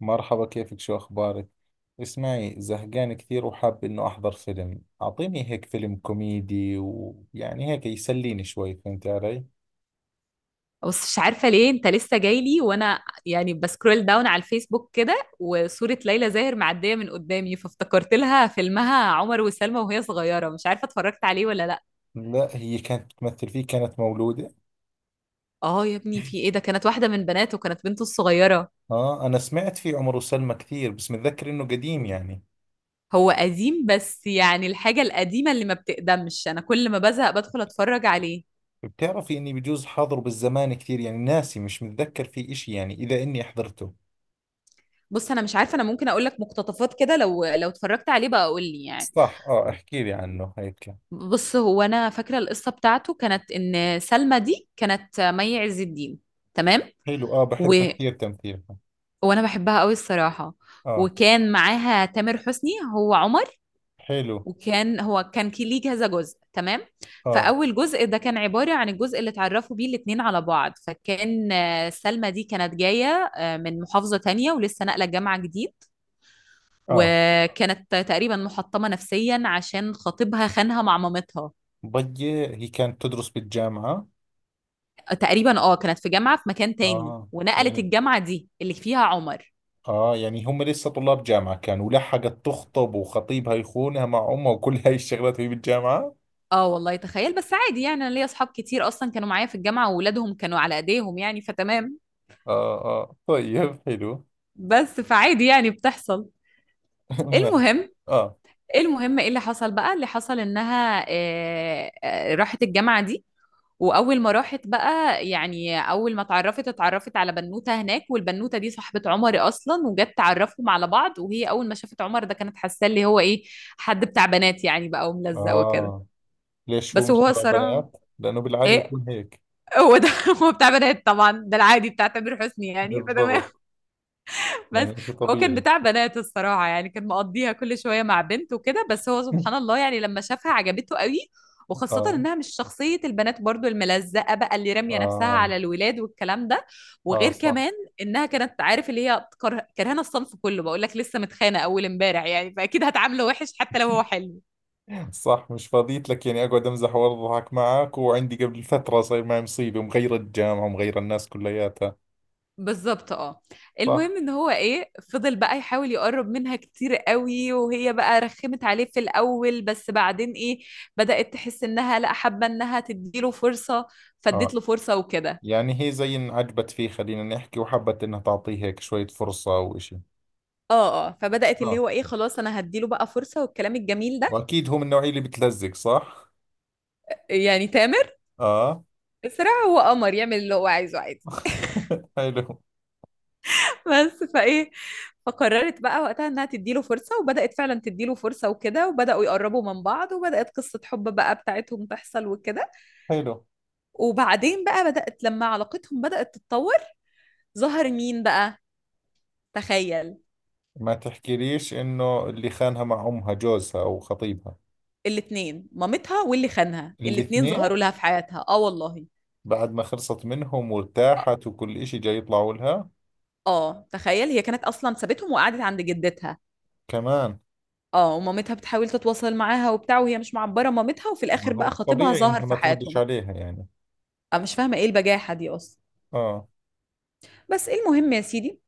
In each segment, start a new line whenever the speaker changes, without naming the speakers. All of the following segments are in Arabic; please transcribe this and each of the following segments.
مرحبا، كيفك؟ شو أخبارك؟ اسمعي، زهقان كثير وحاب إنه أحضر فيلم. أعطيني هيك فيلم كوميدي، ويعني هيك يسليني شوي. فهمت علي؟
بص، مش عارفة ليه انت لسه جاي لي. وانا يعني بسكرول داون على الفيسبوك كده، وصورة ليلى زاهر معدية من قدامي، فافتكرت لها فيلمها عمر وسلمى وهي صغيرة. مش عارفة اتفرجت عليه ولا لا.
لا، هي كانت تمثل فيه، كانت مولودة.
اه يا ابني، في ايه ده؟ كانت واحدة من بناته، كانت بنته الصغيرة.
آه، أنا سمعت فيه عمر وسلمى كثير، بس متذكر إنه قديم يعني.
هو قديم، بس يعني الحاجة القديمة اللي ما بتقدمش انا كل ما بزهق بدخل اتفرج عليه.
بتعرفي إني بجوز حاضره بالزمان؟ كثير يعني ناسي، مش متذكر فيه إشي يعني، إذا إني حضرته.
بص، انا مش عارفة، انا ممكن اقول لك مقتطفات كده، لو اتفرجت عليه بقى قول لي يعني.
صح، آه، احكي لي عنه هيك.
بص، هو انا فاكره القصه بتاعته كانت ان سلمى دي كانت مي عز الدين، تمام.
حلو، آه،
و...
بحبها كثير تمثيلها.
وانا بحبها قوي الصراحه.
آه.
وكان معاها تامر حسني، هو عمر.
حلو.
وكان هو كان كي- ليه كذا جزء، تمام.
آه.
فاول جزء ده كان عباره عن الجزء اللي اتعرفوا بيه الاتنين على بعض، فكان سلمى دي كانت جايه من محافظه تانية، ولسه ناقله جامعه جديد.
آه.
وكانت تقريبا محطمه نفسيا عشان خطيبها خانها مع مامتها.
ضية هي كانت تدرس بالجامعة.
تقريبا، كانت في جامعة في مكان تاني،
اه
ونقلت
يعني.
الجامعة دي اللي فيها عمر.
اه يعني هم لسه طلاب جامعة كانوا، ولحقت تخطب، وخطيبها يخونها مع امها وكل هاي الشغلات وهي بالجامعة.
اه والله، تخيل، بس عادي يعني. انا ليا اصحاب كتير اصلا كانوا معايا في الجامعة وولادهم كانوا على ايديهم يعني، فتمام.
اه، اه، طيب، حلو.
بس فعادي يعني، بتحصل.
ما-
المهم.
اه،
ايه اللي حصل بقى؟ اللي حصل انها راحت الجامعة دي. واول ما راحت بقى، يعني اول ما اتعرفت على بنوته هناك، والبنوته دي صاحبه عمر اصلا، وجت تعرفهم على بعض. وهي اول ما شافت عمر ده كانت حاسه اللي هو ايه، حد بتاع بنات يعني بقى وملزق وكده.
اه. ليش هو
بس
مش
هو
تبع
الصراحه،
بنات؟ لأنه بالعادة
ايه،
بكون هيك.
هو ده هو بتاع بنات طبعا، ده العادي بتاع تامر حسني يعني، فتمام.
بالضبط،
بس
يعني شيء
هو كان
طبيعي.
بتاع بنات الصراحة يعني، كان مقضيها كل شوية مع بنت وكده. بس هو سبحان الله يعني، لما شافها عجبته قوي. وخاصة
اه،
إنها مش شخصية البنات برضو الملزقة بقى، اللي رامية نفسها
اه،
على الولاد والكلام ده.
اه،
وغير
صح.
كمان إنها كانت، عارف اللي هي كرهانة الصنف كله. بقول لك لسه متخانة أول إمبارح يعني، فأكيد هتعامله وحش حتى لو هو حلو.
صح، مش فاضيت لك يعني اقعد امزح واضحك معك، وعندي قبل فترة صاير معي مصيبة ومغيرة الجامعة ومغيرة الناس كلياتها.
بالظبط، اه.
صح.
المهم ان هو ايه، فضل بقى يحاول يقرب منها كتير قوي، وهي بقى رخمت عليه في الاول. بس بعدين ايه، بدأت تحس انها لا، حابه انها تديله فرصه، فاديت
اه،
له فرصه وكده.
يعني هي زي ان عجبت فيه، خلينا نحكي، وحبت انها تعطيه هيك شوية فرصة او اشي.
اه اه، فبدأت اللي
صح،
هو ايه، خلاص انا هديله بقى فرصه والكلام الجميل ده.
واكيد هو من النوعية اللي بتلزق، صح.
يعني تامر
اه.
بسرعه، هو قمر يعمل اللي هو عايزه عادي.
حلو،
بس فايه، فقررت بقى وقتها انها تديله فرصه، وبدأت فعلا تديله فرصه وكده، وبدأوا يقربوا من بعض، وبدأت قصه حب بقى بتاعتهم تحصل وكده.
حلو.
وبعدين بقى، بدأت لما علاقتهم بدأت تتطور، ظهر مين بقى، تخيل.
ما تحكيليش انه اللي خانها مع امها جوزها او خطيبها.
الاتنين، مامتها واللي خانها، الاتنين
الاثنين.
ظهروا لها في حياتها، اه والله.
بعد ما خلصت منهم
اه،
وارتاحت وكل اشي جاي يطلعوا لها.
تخيل، هي كانت اصلا سابتهم وقعدت عند جدتها.
كمان.
اه، ومامتها بتحاول تتواصل معاها وبتاع، وهي مش معبرة مامتها، وفي
ما
الاخر بقى
هو
خطيبها
طبيعي
ظهر
انها
في
ما تردش
حياتهم.
عليها يعني.
انا مش فاهمة ايه البجاحة دي اصلا.
اه،
بس المهم يا سيدي،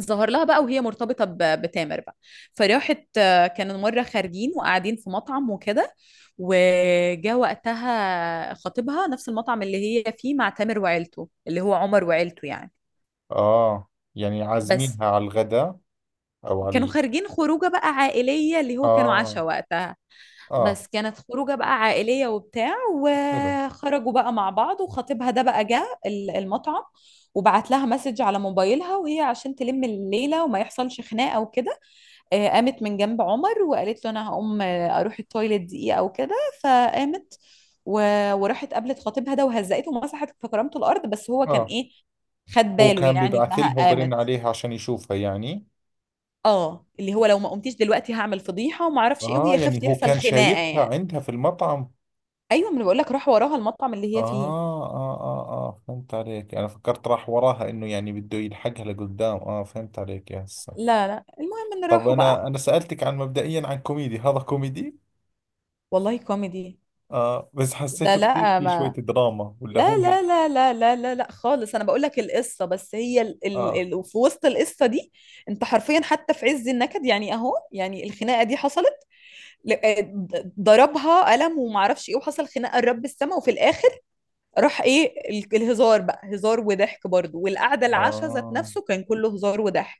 ظهر لها بقى وهي مرتبطة بتامر بقى. فراحت، كانوا مرة خارجين وقاعدين في مطعم وكده، وجا وقتها خطيبها نفس المطعم اللي هي فيه مع تامر وعيلته، اللي هو عمر، وعيلته يعني.
اه. يعني
بس
عازمينها على الغداء او على
كانوا خارجين خروجه بقى عائليه، اللي هو كانوا
اه،
عشاء وقتها.
اه،
بس كانت خروجه بقى عائليه وبتاع،
حلو.
وخرجوا بقى مع بعض، وخطيبها ده بقى جه المطعم. وبعت لها مسج على موبايلها، وهي عشان تلم الليله وما يحصلش خناقه وكده، قامت من جنب عمر وقالت له انا هقوم، اروح التويليت دقيقه او كده. فقامت و... وراحت قابلت خطيبها ده، وهزقته ومسحت في كرامته الارض. بس هو كان
اه،
ايه، خد
هو
باله
كان
يعني
بيبعث
انها
لها وبرن
قامت.
عليها عشان يشوفها يعني.
اه، اللي هو لو ما قمتيش دلوقتي هعمل فضيحه وما اعرفش ايه،
اه،
وهي خافت
يعني هو
يحصل
كان
خناقه
شايفها
يعني.
عندها في المطعم.
ايوه، ما أنا بقول لك راح وراها المطعم اللي هي فيه.
اه، اه، اه، اه، فهمت عليك. انا فكرت راح وراها انه يعني بده يلحقها لقدام. اه فهمت عليك يا هسه.
لا لا، المهم ان
طب
راحوا
انا
بقى.
انا سألتك عن مبدئيا عن كوميدي. هذا كوميدي؟
والله كوميدي.
اه، بس
ده
حسيته كثير
لا
في شوية
ما،
دراما، ولا
لا
هو هيك؟
لا لا لا لا لا لا خالص، انا بقول لك القصه، بس هي ال
اه،
ال ال في وسط القصه دي، انت حرفيا حتى في عز النكد يعني، اهو يعني الخناقه دي حصلت، ضربها قلم وما اعرفش ايه، وحصل خناقه لرب السما، وفي الاخر راح ايه الهزار بقى هزار وضحك برضه. والقعده العشاء ذات
اه،
نفسه كان كله هزار وضحك.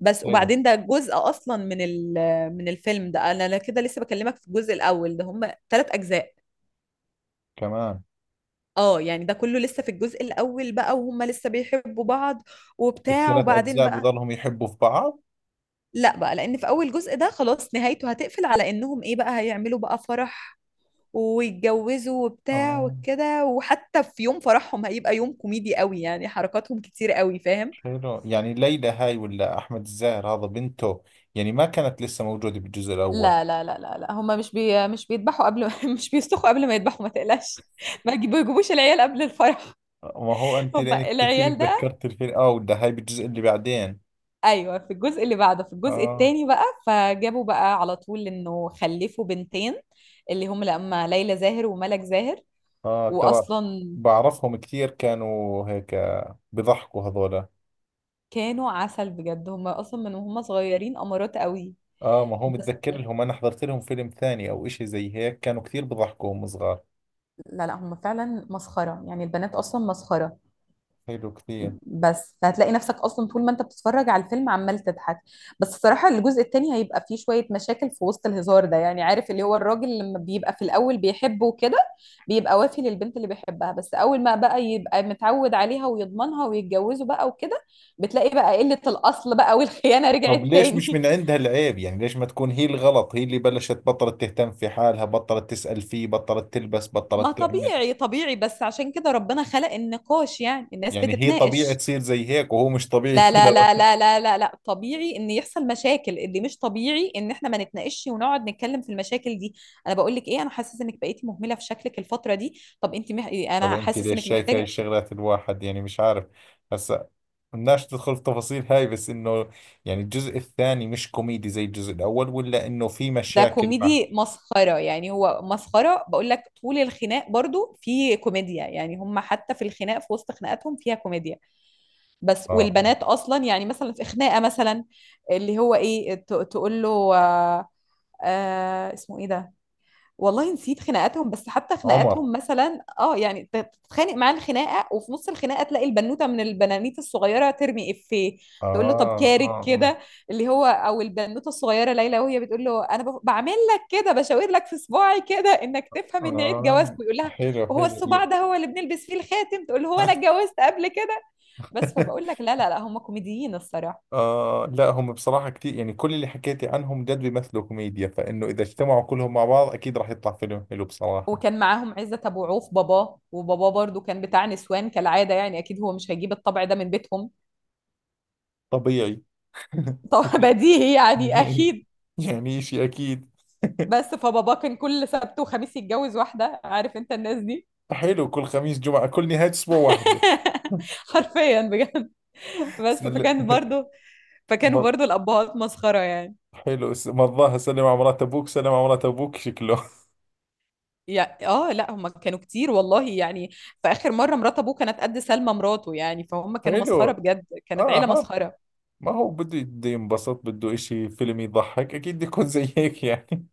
بس،
حلو.
وبعدين ده جزء اصلا من من الفيلم ده، انا لا كده، لسه بكلمك في الجزء الاول ده، هم ثلاث اجزاء.
كمان.
اه يعني ده كله لسه في الجزء الاول بقى، وهم لسه بيحبوا بعض وبتاع.
الثلاث
وبعدين
اجزاء
بقى،
بضلهم يحبوا في بعض؟
لا بقى، لان في اول جزء ده خلاص، نهايته هتقفل على انهم ايه بقى، هيعملوا بقى فرح ويتجوزوا وبتاع
اه،
وكده. وحتى في يوم فرحهم هيبقى يوم كوميدي قوي يعني، حركاتهم كتير قوي، فاهم.
حلو. يعني ليلى هاي ولا أحمد الزاهر هذا بنته؟ يعني ما كانت لسه موجودة بالجزء الأول.
لا لا لا لا لا، هما مش بيذبحوا قبل مش بيستخوا قبل ما يذبحوا، ما تقلقش. ما يجيبوا- يجيبوش العيال قبل الفرح.
ما هو أنت لأنك
هما
تحكي لي
العيال ده،
تذكرت الفيلم. آه، ولا هاي بالجزء اللي بعدين؟
ايوه، في الجزء اللي بعده، في الجزء
آه.
الثاني بقى، فجابوا بقى على طول انه خلفوا بنتين، اللي هم لما ليلى زاهر وملك زاهر.
آه، ترى
واصلا
بعرفهم كثير، كانوا هيك بضحكوا هذولا.
كانوا عسل بجد، هم اصلا من وهم صغيرين امارات قوي.
آه، ما هو
بس،
متذكر لهم، أنا حضرت لهم فيلم ثاني أو إشي زي هيك. كانوا كثير بضحكوا هم صغار.
لا لا، هم فعلا مسخره يعني، البنات اصلا مسخره.
حلو كثير.
بس فهتلاقي نفسك اصلا طول ما انت بتتفرج على الفيلم عمال تضحك. بس الصراحه الجزء التاني هيبقى فيه شويه مشاكل في وسط الهزار ده يعني، عارف اللي هو الراجل لما بيبقى في الاول بيحبه وكده، بيبقى وافي للبنت اللي بيحبها. بس اول ما بقى يبقى متعود عليها ويضمنها ويتجوزوا بقى وكده، بتلاقي بقى قله الاصل بقى والخيانه رجعت
طب ليش مش
تاني.
من عندها العيب يعني؟ ليش ما تكون هي الغلط، هي اللي بلشت بطلت تهتم في حالها، بطلت تسأل فيه، بطلت تلبس،
ما
بطلت تعمل.
طبيعي، طبيعي، بس عشان كده ربنا خلق النقاش يعني، الناس
يعني هي طبيعي
بتتناقش.
تصير زي هيك، وهو مش طبيعي
لا لا لا
كذا؟
لا لا لا لا، طبيعي ان يحصل مشاكل، اللي مش طبيعي ان احنا ما نتناقش ونقعد نتكلم في المشاكل دي. انا بقول لك ايه، انا حاسس انك بقيتي مهمله في شكلك الفتره دي، طب انت
طب
انا
انت
حاسس
ليش
انك
شايف هاي
محتاجه.
الشغلات؟ الواحد يعني مش عارف. هسا بدناش تدخل في تفاصيل هاي، بس انه يعني الجزء الثاني مش كوميدي زي الجزء الاول، ولا انه في
ده
مشاكل مع.
كوميدي مسخره يعني، هو مسخره بقول لك. طول الخناق برضو في كوميديا يعني، هم حتى في الخناق، في وسط خناقاتهم فيها كوميديا. بس
اه، آه.
والبنات اصلا، يعني مثلا في خناقه مثلا، اللي هو ايه، تقول له آه. آه، اسمه ايه ده، والله نسيت خناقاتهم. بس حتى
عمر.
خناقاتهم مثلا، يعني تتخانق معاه الخناقه، وفي نص الخناقه تلاقي البنوته من البنانيت الصغيره ترمي افيه، تقول له طب
اه، اه،
كارك كده. اللي هو او البنوته الصغيره ليلى، وهي بتقول له انا بعمل لك كده، بشاور لك في صباعي كده، انك
اه،
تفهم ان عيد
آه.
جوازك، ويقول لها
حلو،
وهو
حلو،
الصباع ده هو اللي بنلبس فيه الخاتم، تقول له هو انا اتجوزت قبل كده. بس فبقول لك لا لا لا، هم كوميديين الصراحه.
آه، لا، هم بصراحة كتير، يعني كل اللي حكيتي عنهم جد بيمثلوا كوميديا، فإنه إذا اجتمعوا كلهم مع بعض أكيد راح يطلع فيلم حلو بصراحة.
وكان معاهم عزت ابو عوف باباه، وباباه برضو كان بتاع نسوان كالعاده يعني، اكيد هو مش هيجيب الطبع ده من بيتهم.
طبيعي.
طبعا بديهي يعني
يعني
اكيد.
يعني شيء أكيد.
بس فبابا كان كل سبت وخميس يتجوز واحده، عارف انت الناس دي.
حلو، كل خميس جمعة، كل نهاية أسبوع واحدة.
حرفيا بجد. بس
سل...
فكانوا
مر-
برضو الابهات مسخره يعني.
حلو، مرضاها. سلم على مرات أبوك، سلم على مرات أبوك شكله.
يعني لا، هم كانوا كتير والله يعني. في اخر مره مرات ابوه كانت قد سلمى مراته يعني، فهم كانوا
حلو.
مسخره بجد، كانت
آه،
عيله
هذا.
مسخره.
ما هو بده ينبسط، بده إشي فيلم يضحك، أكيد بده يكون زي هيك يعني.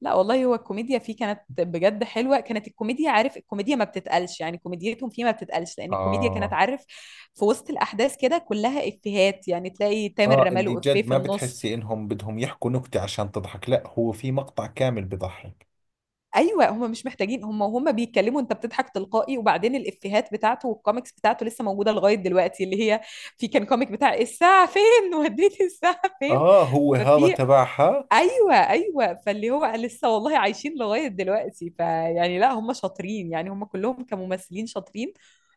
لا والله، هو الكوميديا فيه كانت بجد حلوة، كانت الكوميديا، عارف الكوميديا ما بتتقلش يعني، كوميديتهم فيه ما بتتقلش، لأن الكوميديا كانت،
آه،
عارف، في وسط الأحداث كده كلها إفيهات يعني، تلاقي تامر
آه، اللي
رماله إفيه
جد
في
ما
النص.
بتحسي إنهم بدهم يحكوا نكتة عشان تضحك، لا هو في مقطع كامل بضحك.
أيوة هم مش محتاجين، هم بيتكلموا أنت بتضحك تلقائي. وبعدين الإفيهات بتاعته والكوميكس بتاعته لسه موجودة لغاية دلوقتي، اللي هي، في كان كوميك بتاع الساعة فين، وديتي الساعة فين.
آه، هو هذا
ففي
تبعها.
ايوه ايوه، فاللي هو لسه، والله عايشين لغايه دلوقتي. فيعني لا، هم شاطرين يعني، هم كلهم كممثلين شاطرين،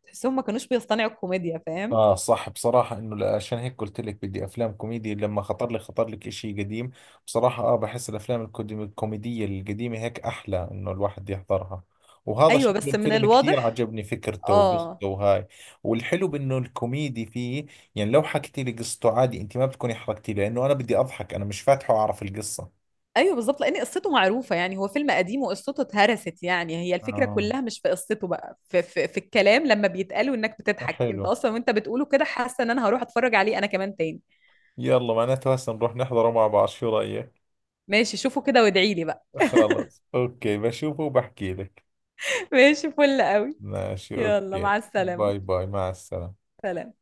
تحسهم ما كانوش بيصطنعوا الكوميديا، فاهم.
اه، صح، بصراحة انه عشان هيك قلت لك بدي افلام كوميدي. لما خطر لي خطر لك اشي قديم بصراحة. اه، بحس الافلام الكوميدية القديمة هيك احلى انه الواحد يحضرها. وهذا
ايوه
شكله
بس من
الفيلم كثير
الواضح،
عجبني فكرته
اه،
وقصته وهاي، والحلو بانه الكوميدي فيه. يعني لو حكيتي لي قصته عادي، انت ما بتكوني حرقتي لي، لانه انا بدي اضحك، انا مش فاتحه اعرف القصة.
ايوه بالظبط، لان قصته معروفه يعني، هو فيلم قديم وقصته اتهرست يعني. هي الفكره
اه،
كلها مش في قصته بقى، في, الكلام لما بيتقالوا انك بتضحك انت
حلو.
اصلا، وانت بتقوله كده حاسه ان انا هروح اتفرج عليه انا كمان تاني.
يلا معناته هسه نروح نحضره مع بعض، شو رأيك؟
ماشي، شوفوا كده وادعي لي بقى.
خلص، اوكي، بشوفه وبحكي لك.
ماشي فل قوي.
ماشي،
يلا
اوكي،
مع السلامه،
باي باي، مع السلامة.
سلام.